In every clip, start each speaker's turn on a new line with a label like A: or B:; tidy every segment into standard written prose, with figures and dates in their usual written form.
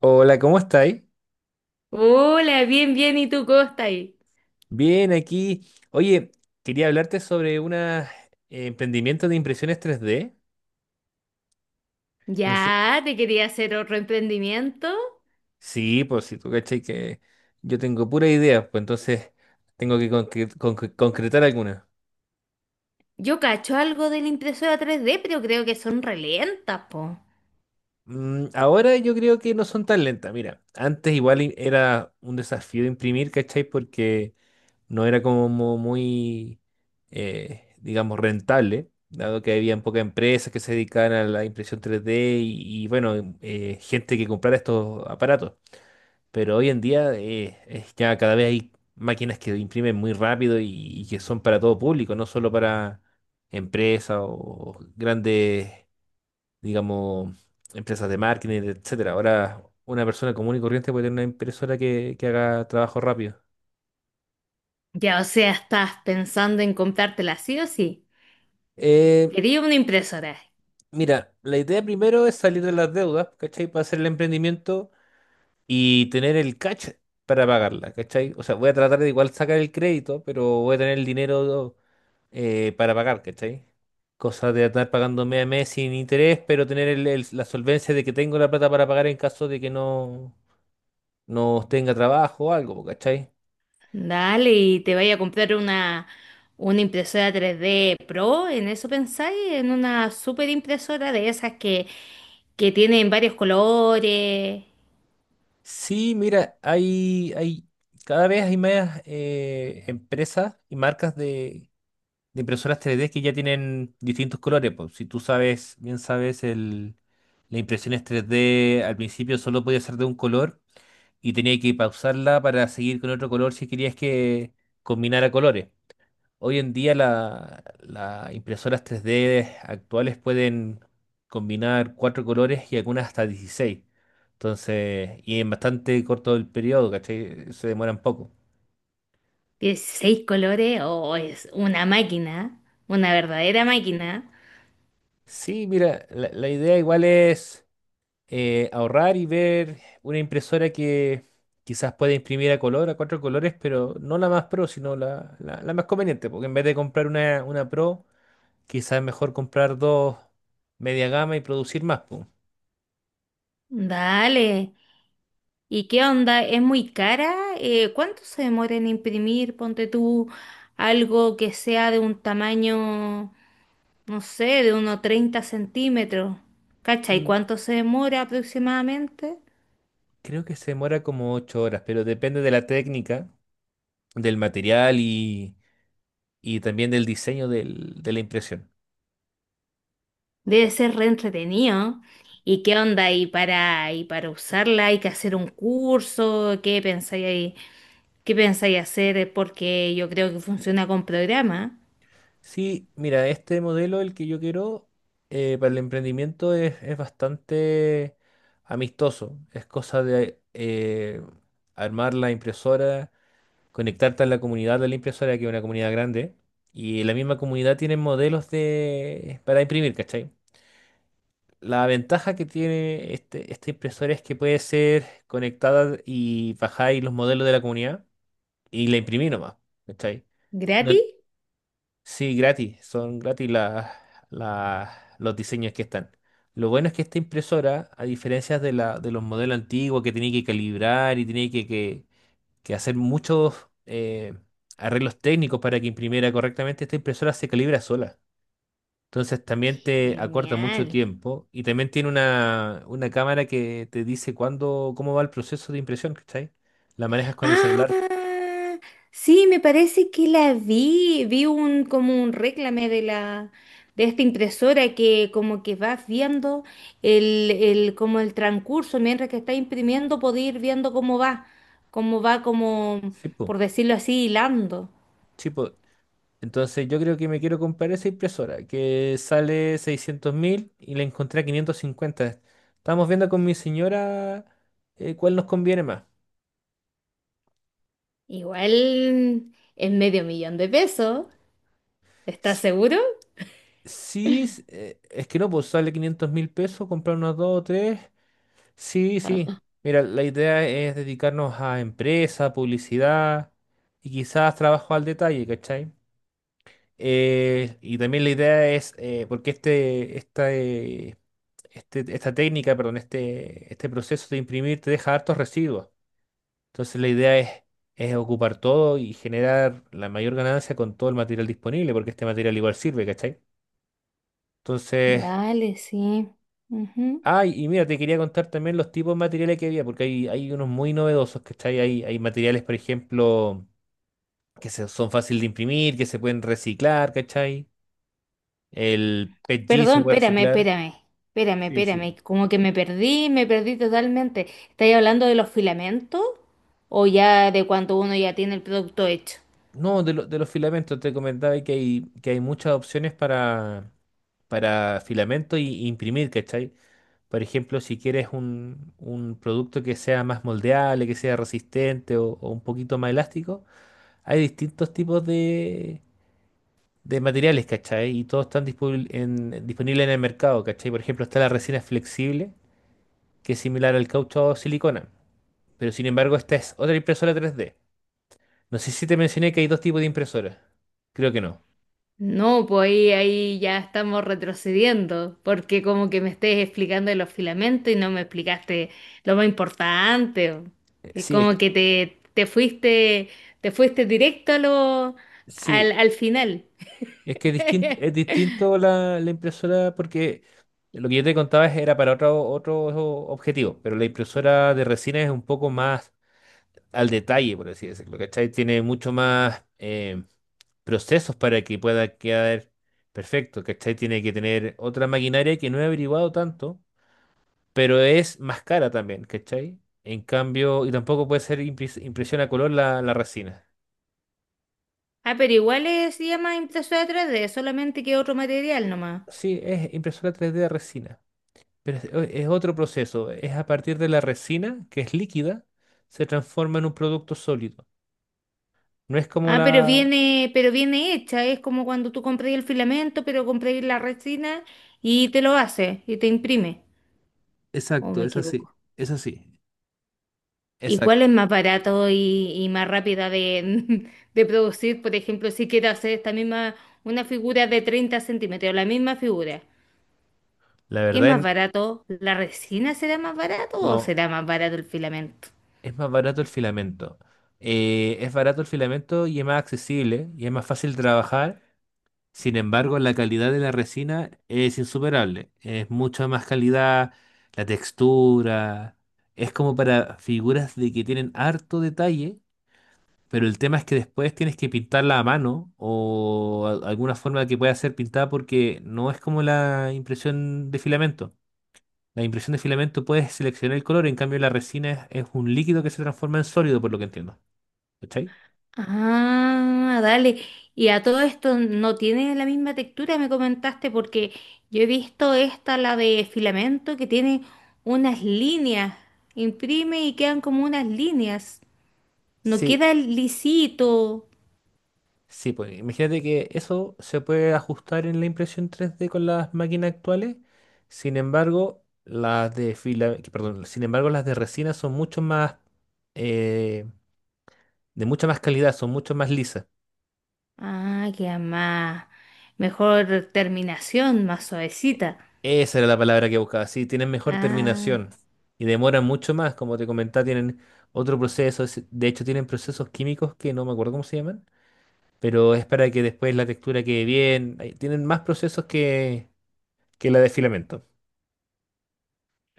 A: Hola, ¿cómo estáis?
B: Hola, bien, bien, ¿y tú cómo estás ahí?
A: Bien, aquí. Oye, quería hablarte sobre unos emprendimientos de impresiones 3D. No sé.
B: Ya, te quería hacer otro emprendimiento.
A: Sí, pues si tú cachai que yo tengo pura idea, pues entonces tengo que concretar algunas.
B: Yo cacho algo de la impresora 3D pero creo que son relentas, po.
A: Ahora yo creo que no son tan lentas. Mira, antes igual era un desafío imprimir, ¿cachai? Porque no era como muy, digamos, rentable, dado que había pocas empresas que se dedicaban a la impresión 3D y, bueno, gente que comprara estos aparatos. Pero hoy en día es ya cada vez hay máquinas que imprimen muy rápido y que son para todo público, no solo para empresas o grandes, digamos, empresas de marketing, etcétera. Ahora una persona común y corriente puede tener una impresora que haga trabajo rápido.
B: Ya, o sea, estás pensando en comprártela sí o sí.
A: Eh,
B: Quería una impresora.
A: Mira, la idea primero es salir de las deudas, ¿cachai? Para hacer el emprendimiento y tener el cash para pagarla, ¿cachai? O sea, voy a tratar de igual sacar el crédito, pero voy a tener el dinero para pagar, ¿cachai? Cosa de estar pagando mes a mes sin interés, pero tener la solvencia de que tengo la plata para pagar en caso de que no, no tenga trabajo o algo, ¿cachai?
B: Dale, y te vaya a comprar una impresora 3D Pro, ¿en eso pensáis? ¿En una super impresora de esas que tienen varios colores?
A: Sí, mira, cada vez hay más empresas y marcas de impresoras 3D que ya tienen distintos colores. Pues. Si tú sabes, bien sabes, la impresión es 3D al principio solo podía ser de un color y tenía que pausarla para seguir con otro color si querías que combinara colores. Hoy en día las impresoras 3D actuales pueden combinar cuatro colores y algunas hasta 16. Entonces, y en bastante corto el periodo, ¿cachai? Se demoran poco.
B: 16 colores, o es una verdadera máquina.
A: Sí, mira, la idea igual es, ahorrar y ver una impresora que quizás pueda imprimir a color, a cuatro colores, pero no la más pro, sino la más conveniente, porque en vez de comprar una pro, quizás es mejor comprar dos media gama y producir más, po.
B: Dale. ¿Y qué onda? ¿Es muy cara? ¿Cuánto se demora en imprimir? Ponte tú algo que sea de un tamaño, no sé, de unos 30 cm. ¿Cacha? ¿Y
A: Mm,
B: cuánto se demora aproximadamente?
A: Creo que se demora como 8 horas, pero depende de la técnica, del material y también del diseño de la impresión.
B: Debe ser re entretenido. ¿Y qué onda? ¿Y para usarla hay que hacer un curso? ¿Qué pensáis ahí? ¿Qué pensáis hacer? Porque yo creo que funciona con programa.
A: Sí, mira, este modelo, el que yo quiero para el emprendimiento es bastante amistoso. Es cosa de armar la impresora, conectarte a la comunidad de la impresora, que es una comunidad grande, y la misma comunidad tiene modelos para imprimir, ¿cachai? La ventaja que tiene esta impresora es que puede ser conectada y bajáis los modelos de la comunidad y la imprimí nomás, ¿cachai? No,
B: ¿Gratis?
A: sí, gratis, son gratis las- los diseños que están. Lo bueno es que esta impresora, a diferencia de los modelos antiguos que tenía que calibrar y tenía que hacer muchos arreglos técnicos para que imprimiera correctamente, esta impresora se calibra sola. Entonces también te acorta mucho
B: Genial.
A: tiempo y también tiene una cámara que te dice cuándo, cómo va el proceso de impresión, ¿cachai? La manejas con el celular.
B: Ah, sí, me parece que la vi. Vi un como un réclame de la de esta impresora que como que vas viendo el como el transcurso mientras que está imprimiendo, podéis ir viendo cómo va como
A: Sí, po,
B: por decirlo así, hilando.
A: sí, po, entonces yo creo que me quiero comprar esa impresora que sale 600.000 y la encontré a 550. Estamos viendo con mi señora cuál nos conviene más.
B: Igual es medio millón de pesos. ¿Estás
A: S-
B: seguro?
A: Sí, es que no, pues sale $500.000, comprar unas dos o tres. Sí, sí. Mira, la idea es dedicarnos a empresa, publicidad y quizás trabajo al detalle, ¿cachai? Y también la idea es, porque esta técnica, perdón, este proceso de imprimir te deja hartos residuos. Entonces la idea es ocupar todo y generar la mayor ganancia con todo el material disponible, porque este material igual sirve, ¿cachai? Entonces,
B: Dale, sí. Ujú.
A: ay, y mira, te quería contar también los tipos de materiales que había, porque hay unos muy novedosos, ¿cachai? Hay materiales, por ejemplo, que son fáciles de imprimir, que se pueden reciclar, ¿cachai? El PETG
B: Perdón,
A: se puede
B: espérame,
A: reciclar.
B: espérame, espérame,
A: Sí, sí.
B: espérame. Como que me perdí totalmente. ¿Estáis hablando de los filamentos o ya de cuánto uno ya tiene el producto hecho?
A: No, de los filamentos te comentaba que hay muchas opciones para filamento y imprimir, ¿cachai? Por ejemplo, si quieres un producto que sea más moldeable, que sea resistente o un poquito más elástico, hay distintos tipos de materiales, ¿cachai? Y todos están disponibles en el mercado, ¿cachai? Por ejemplo, está la resina flexible, que es similar al caucho o silicona, pero sin embargo, esta es otra impresora 3D. No sé si te mencioné que hay dos tipos de impresoras. Creo que no.
B: No, pues ahí ya estamos retrocediendo, porque como que me estés explicando de los filamentos y no me explicaste lo más importante.
A: Eh,
B: Y
A: Sí, es
B: como
A: que,
B: que te fuiste directo a lo, al,
A: sí,
B: al final.
A: es que es distinto es distinto la impresora porque lo que yo te contaba era para otro objetivo, pero la impresora de resina es un poco más al detalle, por así decirlo, ¿cachai? Tiene mucho más procesos para que pueda quedar perfecto, ¿cachai? Tiene que tener otra maquinaria que no he averiguado tanto, pero es más cara también, ¿cachai? En cambio, y tampoco puede ser impresión a color la resina.
B: Ah, pero igual se llama impresora 3D, solamente que otro material nomás.
A: Sí, es impresora 3D de resina. Pero es otro proceso. Es a partir de la resina, que es líquida, se transforma en un producto sólido. No es como
B: Ah, pero
A: la.
B: viene, pero viene hecha, es como cuando tú compras el filamento, pero compras la resina y te lo hace y te imprime. ¿O
A: Exacto,
B: me
A: es
B: equivoco?
A: así. Es así.
B: ¿Y
A: Exacto.
B: cuál es más barato y más rápida de, de producir? Por ejemplo, si quiero hacer una figura de 30 cm, la misma figura.
A: La
B: ¿Qué es
A: verdad,
B: más barato? ¿La resina será más barato o
A: no.
B: será más barato el filamento?
A: Es más barato el filamento. Es barato el filamento y es más accesible y es más fácil de trabajar. Sin embargo, la calidad de la resina es insuperable. Es mucha más calidad, la textura. Es como para figuras de que tienen harto detalle. Pero el tema es que después tienes que pintarla a mano o alguna forma que pueda ser pintada porque no es como la impresión de filamento. La impresión de filamento puedes seleccionar el color, en cambio la resina es un líquido que se transforma en sólido, por lo que entiendo. ¿Cachai?
B: Ah, dale. Y a todo esto no tiene la misma textura, me comentaste, porque yo he visto la de filamento, que tiene unas líneas. Imprime y quedan como unas líneas. No
A: Sí,
B: queda lisito.
A: sí, pues imagínate que eso se puede ajustar en la impresión 3D con las máquinas actuales. Sin embargo, las de fila, que- perdón, sin embargo, las de resina son mucho más eh, de mucha más calidad, son mucho más lisas.
B: Ah, queda más. Mejor terminación, más suavecita.
A: Esa era la palabra que buscaba. Sí, tienen mejor
B: Ah.
A: terminación y demoran mucho más. Como te comentaba, tienen otro proceso. De hecho, tienen procesos químicos que no me acuerdo cómo se llaman, pero es para que después la textura quede bien. Ay, tienen más procesos que la de filamento.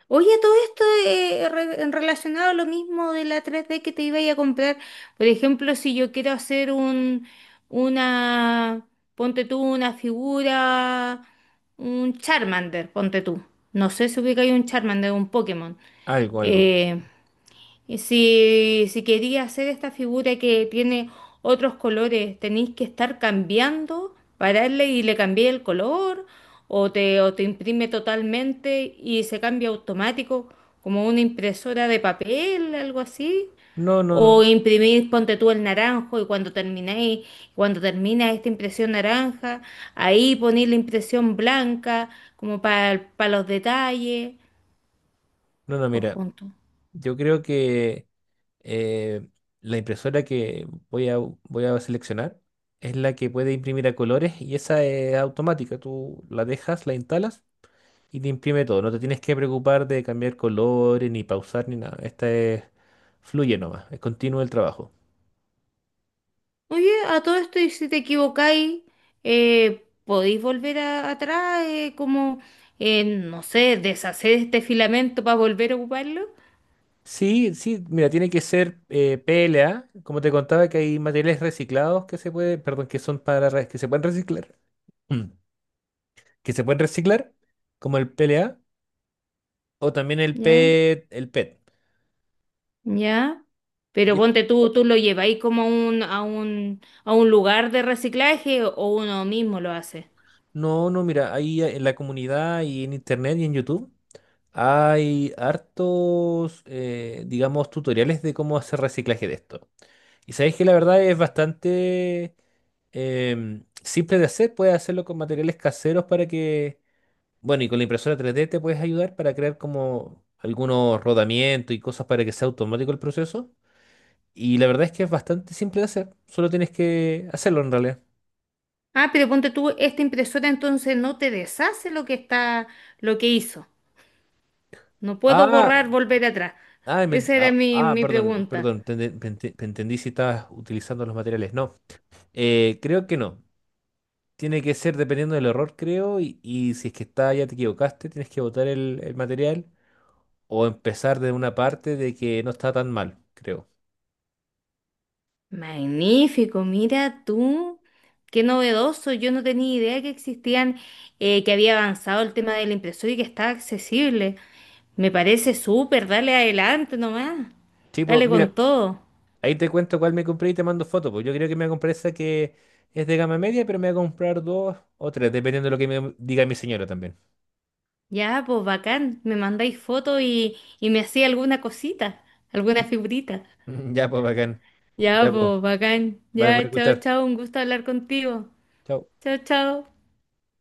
B: Oye, todo esto relacionado a lo mismo de la 3D que te iba a ir a comprar. Por ejemplo, si yo quiero hacer una, ponte tú, una figura, un Charmander, ponte tú. No sé si ubica ahí un Charmander, un Pokémon.
A: Algo, algo.
B: Eh, y si quería hacer esta figura que tiene otros colores, tenéis que estar cambiando, pararle y le cambié el color, o te imprime totalmente y se cambia automático, como una impresora de papel, algo así.
A: No, no, no.
B: O imprimir, ponte tú el naranjo y cuando termina esta impresión naranja, ahí ponéis la impresión blanca, como para los detalles,
A: No, no,
B: o
A: mira.
B: juntos.
A: Yo creo que eh, la impresora que voy a seleccionar es la que puede imprimir a colores y esa es automática. Tú la dejas, la instalas, y te imprime todo. No te tienes que preocupar de cambiar colores, ni pausar, ni nada. Fluye nomás, es continuo el trabajo.
B: Oye, a todo esto, y si te equivocáis, podéis volver atrás, como, no sé, deshacer este filamento para volver a ocuparlo.
A: Sí, sí, mira, tiene que ser PLA, como te contaba que hay materiales reciclados perdón, que son para que se pueden reciclar, mm, que se pueden reciclar, como el PLA o también el
B: Ya,
A: PET, el PET.
B: ya. Pero
A: Y es-
B: ponte tú, tú lo lleváis como a un lugar de reciclaje o uno mismo lo hace.
A: No, no, mira, ahí en la comunidad y en internet y en YouTube hay hartos, digamos, tutoriales de cómo hacer reciclaje de esto. Y sabéis que la verdad es bastante simple de hacer. Puedes hacerlo con materiales caseros para que, bueno, y con la impresora 3D te puedes ayudar para crear como algunos rodamientos y cosas para que sea automático el proceso. Y la verdad es que es bastante simple de hacer. Solo tienes que hacerlo en realidad.
B: Ah, pero ponte tú, esta impresora entonces no te deshace lo que hizo. No puedo
A: Ah,
B: borrar, volver atrás.
A: ah,
B: Esa era
A: ah,
B: mi,
A: ah,
B: mi
A: perdón,
B: pregunta.
A: perdón, te entendí si estabas utilizando los materiales. No, creo que no. Tiene que ser dependiendo del error, creo, y si es que está, ya te equivocaste, tienes que botar el material o empezar de una parte de que no está tan mal, creo.
B: Magnífico, mira tú, qué novedoso. Yo no tenía idea que existían, que había avanzado el tema de la impresora y que está accesible. Me parece súper, dale adelante nomás,
A: Tipo,
B: dale
A: mira,
B: con todo.
A: ahí te cuento cuál me compré y te mando foto, pues yo creo que me voy a comprar esa que es de gama media, pero me voy a comprar dos o tres, dependiendo de lo que me diga mi señora también.
B: Ya, pues bacán, me mandáis fotos y me hacía alguna cosita, alguna figurita.
A: Ya, pues, bacán.
B: Ya,
A: Ya, pues,
B: pues bacán,
A: vale por
B: ya, chao,
A: escuchar.
B: chao, un gusto hablar contigo.
A: Chao.
B: Chao, chao.